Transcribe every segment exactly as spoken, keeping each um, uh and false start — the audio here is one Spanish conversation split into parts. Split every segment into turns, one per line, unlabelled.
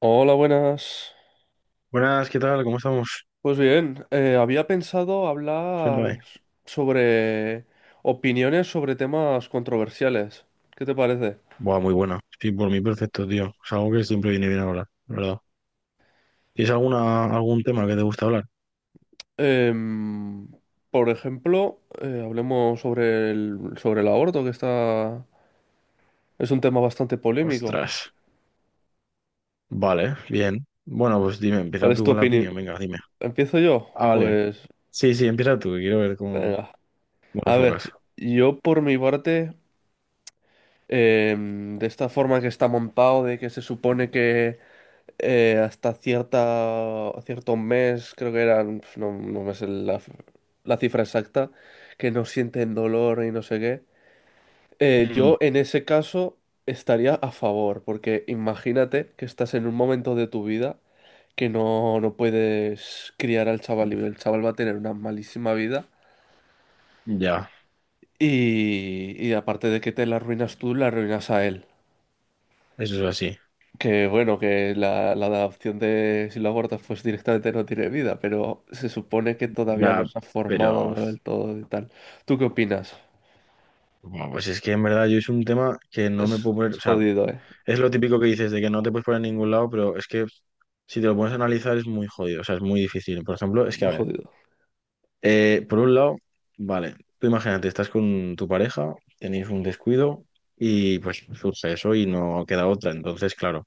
Hola, buenas.
Buenas, ¿qué tal? ¿Cómo estamos?
Pues bien, eh, había pensado
Cuéntame.
hablar sobre opiniones sobre temas controversiales. ¿Qué te parece?
Buah, muy buena. Sí, por mí perfecto, tío. Es algo que siempre viene bien hablar, la ¿verdad? ¿Tienes alguna, algún tema que te gusta hablar?
Em, por ejemplo, eh, hablemos sobre el, sobre el aborto, que está, es un tema bastante polémico.
Ostras. Vale, bien. Bueno, pues dime,
¿Cuál
empieza
es
tú
tu
con la
opinión?
opinión, venga, dime.
¿Empiezo yo?
Ah, vale.
Pues
Sí, sí, empieza tú, que quiero ver cómo,
venga.
cómo te
A ver,
enfocas.
yo por mi parte, em, de esta forma que está montado, de que se supone que eh, hasta cierta, cierto mes, creo que eran, pf, no, no me sé la, la cifra exacta, que no sienten dolor y no sé qué. Eh,
Mm,
yo en ese caso estaría a favor, porque imagínate que estás en un momento de tu vida que no, no puedes criar al chaval y el chaval va a tener una malísima vida
ya,
y, y aparte de que te la arruinas tú, la arruinas a él.
eso es así.
Que bueno, que la, la adopción de si lo abortas pues directamente no tiene vida, pero se supone que todavía no
Ya,
se ha formado
pero...
del todo y tal. ¿Tú qué opinas?
Bueno, pues es que en verdad yo es un tema que no me
Es,
puedo poner...
es
O sea,
jodido, ¿eh?
es lo típico que dices de que no te puedes poner en ningún lado, pero es que si te lo pones a analizar es muy jodido, o sea, es muy difícil. Por ejemplo, es que,
Muy
a ver.
jodido.
Eh, por un lado, vale, tú imagínate, estás con tu pareja, tenéis un descuido y pues surge eso y no queda otra. Entonces, claro,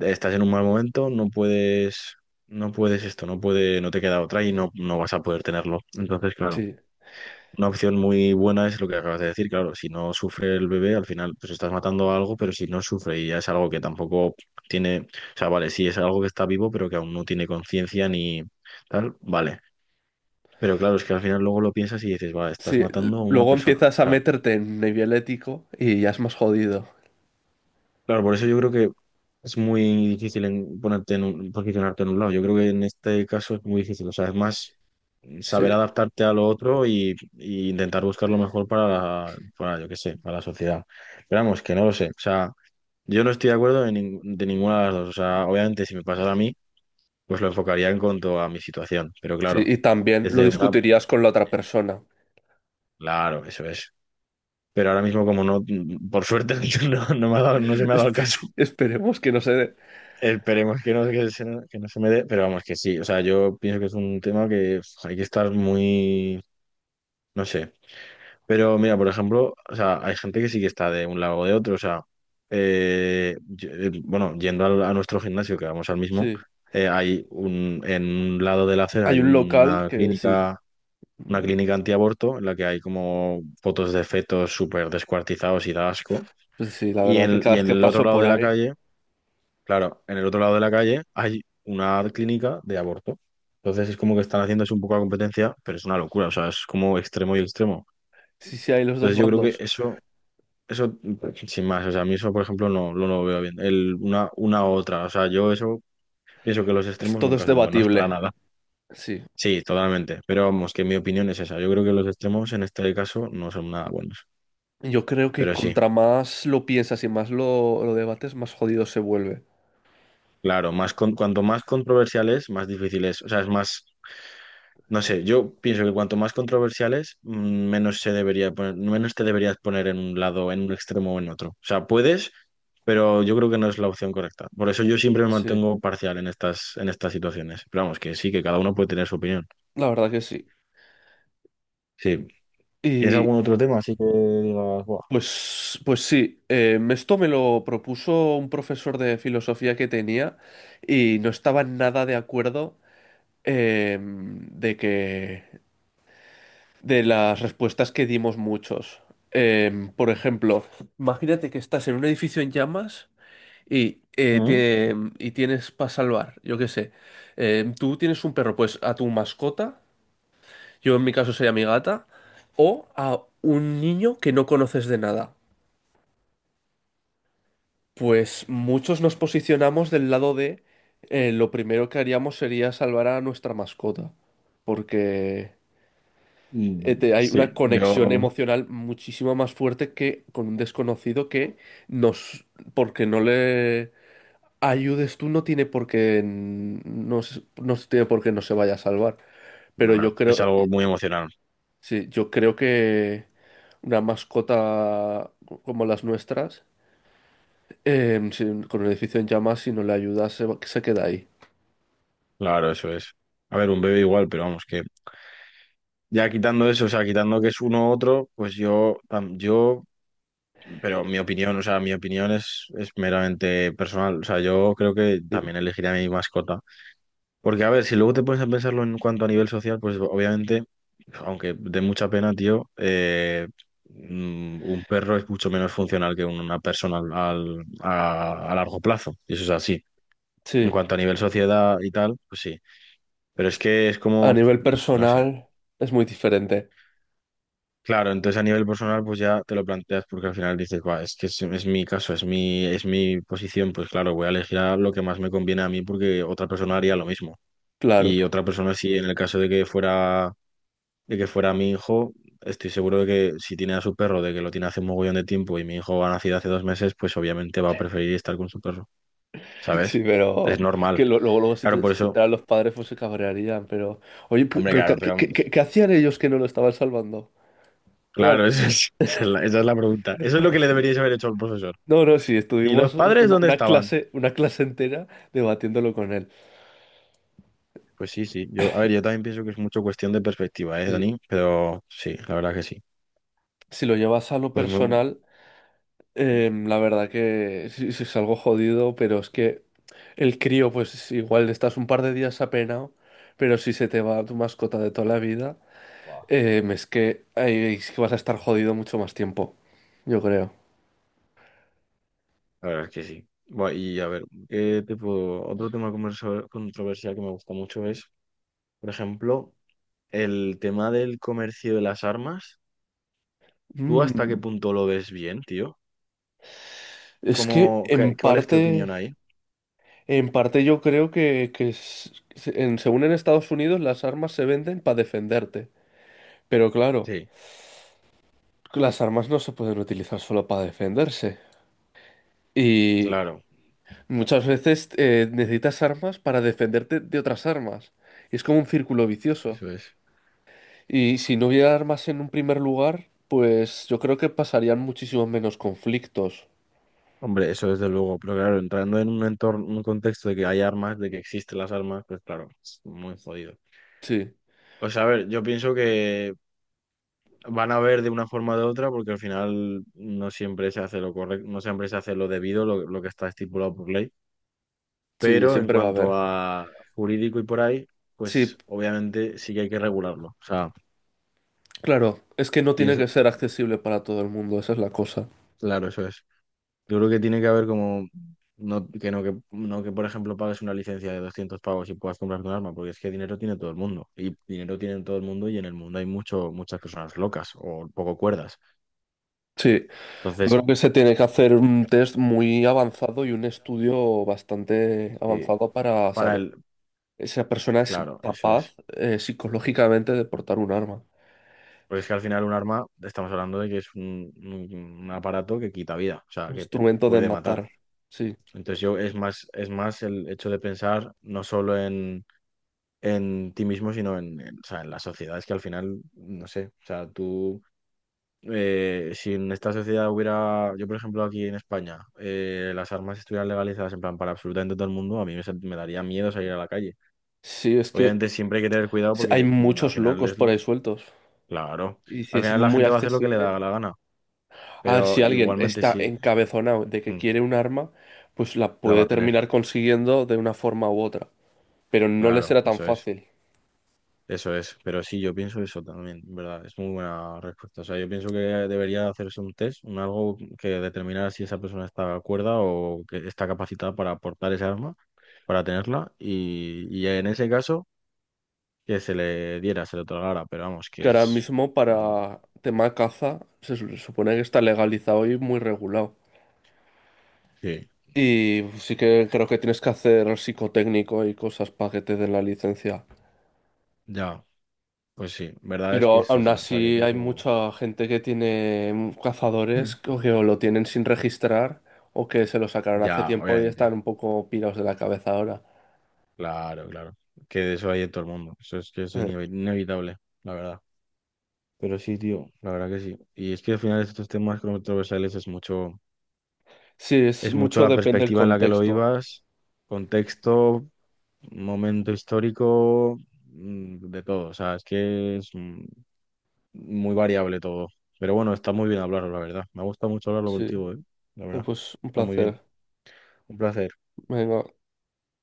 estás en un mal momento, no puedes, no puedes esto, no puede, no te queda otra y no, no vas a poder tenerlo. Entonces, claro,
Sí,
una opción muy buena es lo que acabas de decir, claro, si no sufre el bebé, al final pues estás matando a algo, pero si no sufre y ya es algo que tampoco tiene, o sea, Vale, sí es algo que está vivo, pero que aún no tiene conciencia ni tal, vale. Pero claro, es que al final luego lo piensas y dices, va,
sí.
estás
l-
matando a una
Luego
persona. O
empiezas a
sea,
meterte en nivel ético y ya es más jodido.
claro, por eso yo creo que es muy difícil en ponerte en un, posicionarte en un lado. Yo creo que en este caso es muy difícil. O sea, es más
Sí,
saber adaptarte a lo otro y, y intentar buscar lo mejor para, la- para, yo qué sé, para la sociedad. Pero vamos, que no lo sé. O sea, yo no estoy de acuerdo de, nin- de ninguna de las dos. O sea, obviamente si me pasara a mí, pues lo enfocaría en cuanto a mi situación. Pero
sí.
claro,
Y también lo
desde una...
discutirías con la
sí,
otra persona.
claro, eso es. Pero ahora mismo, como no, por suerte, no, no me ha dado- no se me ha dado el caso.
Espe- Esperemos que no se dé.
Esperemos que no, que se, que no se me dé, pero vamos, que sí. O sea, yo pienso que es un tema que uf, hay que estar muy, no sé. Pero mira, por ejemplo, o sea, hay gente que sí que está de un lado o de otro. O sea, eh, yo- eh, bueno, yendo al- a, nuestro gimnasio, que vamos al mismo,
Sí.
eh, hay un, en un lado de la acera
Hay
hay
un local
una
que sí.
clínica,
mm,
una clínica antiaborto en la que hay como fotos de fetos súper descuartizados y da asco.
Pues sí, la
Y
verdad que
en,
cada
y
vez
en
que
el otro
paso
lado
por
de la
ahí,
calle, claro, en el otro lado de la calle hay una clínica de aborto. Entonces es como que están haciéndose un poco la competencia, pero es una locura, o sea, es como extremo y extremo.
sí, sí hay los dos
Entonces yo creo que
bandos.
eso, eso, sin más, o sea, a mí eso, por ejemplo, no, no lo veo bien. El, una, una u otra, o sea, yo eso pienso que los
Es-
extremos
Todo es
nunca son buenos para
debatible,
nada.
sí.
Sí, totalmente, pero vamos, que mi opinión es esa. Yo creo que los extremos en este caso no son nada buenos,
Yo creo que
pero sí.
contra más lo piensas y más lo, lo debates, más jodido se vuelve.
Claro, más con- cuanto más controversial es, más difícil es. O sea, es más. No sé, yo pienso que cuanto más controversiales, mm, menos se debería poner- menos te deberías poner en un lado, en un extremo o en otro. O sea, puedes, pero yo creo que no es la opción correcta. Por eso yo siempre me
Sí,
mantengo parcial en estas, en estas situaciones. Pero vamos, que sí, que cada uno puede tener su opinión.
la verdad que sí.
Sí. ¿Tienes
Y
algún otro tema así que digas, "Buah,
pues, pues sí, eh, esto me lo propuso un profesor de filosofía que tenía y no estaba nada de acuerdo em, de que de las respuestas que dimos muchos. Em, por ejemplo, imagínate que estás en un edificio en llamas y, eh,
¿mm?
tiene- y tienes para salvar, yo qué sé. Eh, tú tienes un perro, pues a tu mascota, yo en mi caso sería mi gata, o a un niño que no conoces de nada. Pues muchos nos posicionamos del lado de eh, lo primero que haríamos sería salvar a nuestra mascota, porque eh,
Mm,
te- hay una
sí,
conexión
yo,
emocional muchísimo más fuerte que con un desconocido que nos, porque no le ayudes tú no tiene por qué n- no, se- no se tiene por qué no se vaya a salvar. Pero yo
claro, es
creo,
algo muy emocional.
sí, yo creo que una mascota como las nuestras, em, sin- con el edificio en llamas, si no le ayudas, se, va- se queda ahí.
Claro, eso es. A ver, un bebé igual, pero vamos, que ya quitando eso, o sea, quitando que es uno u otro, pues yo, tam- yo Pero mi opinión, o sea, mi opinión es, es meramente personal. O sea, yo creo que
Sí.
también elegiría a mi mascota. Porque, a ver, si luego te pones a pensarlo en cuanto a nivel social, pues obviamente, aunque de mucha pena, tío, eh, mm, un perro es mucho menos funcional que una persona al, a, a largo plazo. Y eso es así. En
Sí.
cuanto a nivel sociedad y tal, pues sí. Pero es que es
A
como,
nivel
no sé.
personal es muy diferente,
Claro, entonces a nivel personal pues ya te lo planteas porque al final dices, "Buah, es que es, es mi caso, es mi, es mi posición, pues claro, voy a elegir a lo que más me conviene a mí porque otra persona haría lo mismo.
claro.
Y otra persona sí, en el caso de que fuera, de que fuera mi hijo, estoy seguro de que si tiene a su perro, de que lo tiene hace un mogollón de tiempo y mi hijo ha nacido hace dos meses, pues obviamente va a preferir estar con su perro, ¿sabes?
Sí,
Es
pero
normal.
que lo- luego, luego si
Claro,
te,
por
si te
eso,
enteran los padres, pues se cabrearían. Pero, oye, pe-
hombre,
pero, ¿qué,
claro, pero
qué- qué- qué hacían ellos que no lo estaban salvando? Claro.
claro, esa es, esa es la, esa es la pregunta. Eso es lo que le deberíais haber hecho al profesor.
No, no, sí,
¿Y los
estuvimos un-
padres
una,
dónde
una
estaban?
clase, una clase entera debatiéndolo con él.
Pues sí, sí. Yo, a ver, yo también pienso que es mucho cuestión de perspectiva, ¿eh,
Sí,
Dani? Pero sí, la verdad que sí.
si lo llevas a lo
Pues muy,
personal, eh, la verdad que sí, sí es algo jodido, pero es que el crío, pues igual estás un par de días apenado, pero si se te va tu mascota de toda la vida,
guau,
eh, es que, ahí es que vas a estar jodido mucho más tiempo, yo creo.
la verdad que sí. Buah, y a ver, ¿qué te puedo? Otro tema conversa- controversial que me gusta mucho es, por ejemplo, el tema del comercio de las armas. ¿Tú hasta qué
Mm.
punto lo ves bien, tío?
Es que
¿Cómo, qué-
en
¿cuál es tu opinión
parte,
ahí?
En parte yo creo que, que s- en- según en Estados Unidos las armas se venden para defenderte. Pero claro,
Sí,
las armas no se pueden utilizar solo para defenderse. Y
claro,
muchas veces eh, necesitas armas para defenderte de otras armas. Y es como un círculo vicioso.
eso es.
Y si no hubiera armas en un primer lugar, pues yo creo que pasarían muchísimos menos conflictos.
Hombre, eso desde luego, pero claro, entrando en un entorno, un contexto de que hay armas, de que existen las armas, pues claro, es muy jodido.
Sí,
O sea, a ver, yo pienso que van a ver de una forma o de otra, porque al final no siempre se hace lo correcto, no siempre se hace lo debido, lo, lo que está estipulado por ley.
sí,
Pero en
siempre va a
cuanto
haber.
a jurídico y por ahí,
Sí,
pues obviamente sí que hay que regularlo. O sea,
claro, es que no tiene que
pienso,
ser accesible para todo el mundo, esa es la cosa.
claro, eso es. Yo creo que tiene que haber como, no que, no, que, no que por ejemplo pagues una licencia de doscientos pavos y puedas comprarte un arma, porque es que dinero tiene todo el mundo. Y dinero tiene todo el mundo y en el mundo hay mucho, muchas personas locas o poco cuerdas.
Sí, yo
Entonces,
creo que se tiene que hacer un test muy avanzado y un estudio bastante
sí,
avanzado para
para
saber.
el,
Esa persona es
claro, eso
capaz
es.
eh, psicológicamente de portar un arma,
Porque es que al final un arma, estamos hablando de que es un, un- un aparato que quita vida, o
un
sea, que te
instrumento de
puede matar.
matar. Sí,
Entonces yo es más, es más el hecho de pensar no solo en, en ti mismo, sino en, en, o sea, en la sociedad. Es que al final, no sé, o sea, tú, eh, si en esta sociedad hubiera, yo por ejemplo aquí en España, eh, las armas estuvieran legalizadas en plan para absolutamente todo el mundo, a mí me, sent- me daría miedo salir a la calle.
sí, es que
Obviamente siempre hay que tener cuidado
s- hay
porque mm, al
muchos
final
locos
es
por
lo.
ahí sueltos.
Claro.
Y si
Al
es
final la
muy
gente va a hacer lo que le
accesible,
da la gana,
a ver
pero
si alguien
igualmente
está
sí,
encabezonado de que
mm,
quiere un arma, pues la
la va
puede
a tener.
terminar consiguiendo de una forma u otra. Pero no le
Claro,
será tan
eso es.
fácil.
Eso es. Pero sí, yo pienso eso también, en ¿verdad? Es muy buena respuesta. O sea, yo pienso que debería hacerse un test, un algo que determinara si esa persona está cuerda o que está capacitada para portar ese arma, para tenerla, y, y en ese caso que se le diera, se le otorgara, pero vamos, que
Que ahora
es...
mismo
mm,
para tema caza se su- supone que está legalizado y muy regulado.
sí,
Y sí que creo que tienes que hacer psicotécnico y cosas para que te den la licencia.
ya, pues sí, verdad es que
Pero
es
aún
así. O sea, yo
así hay
pienso...
mucha gente que tiene mm,
Mm.
cazadores que o que o lo tienen sin registrar o que se lo sacaron hace
Ya,
tiempo y
obviamente.
están un poco pirados de la cabeza ahora.
Claro, claro. Que de eso hay en todo el mundo. Eso es que eso es
Eh,
inevi- inevitable, la verdad. Pero sí, tío, la verdad que sí. Y es que al final estos temas controversiales es mucho,
Sí, es
es mucho
mucho
la
depende del
perspectiva en la que lo
contexto.
vivas, contexto, momento histórico, mm, de todo. O sea, es que es mm, muy variable todo. Pero bueno, está muy bien hablarlo, la verdad. Me ha gustado mucho hablarlo
Sí,
contigo, ¿eh? La
eh,
verdad.
pues un
Está muy bien.
placer.
Un placer.
Venga.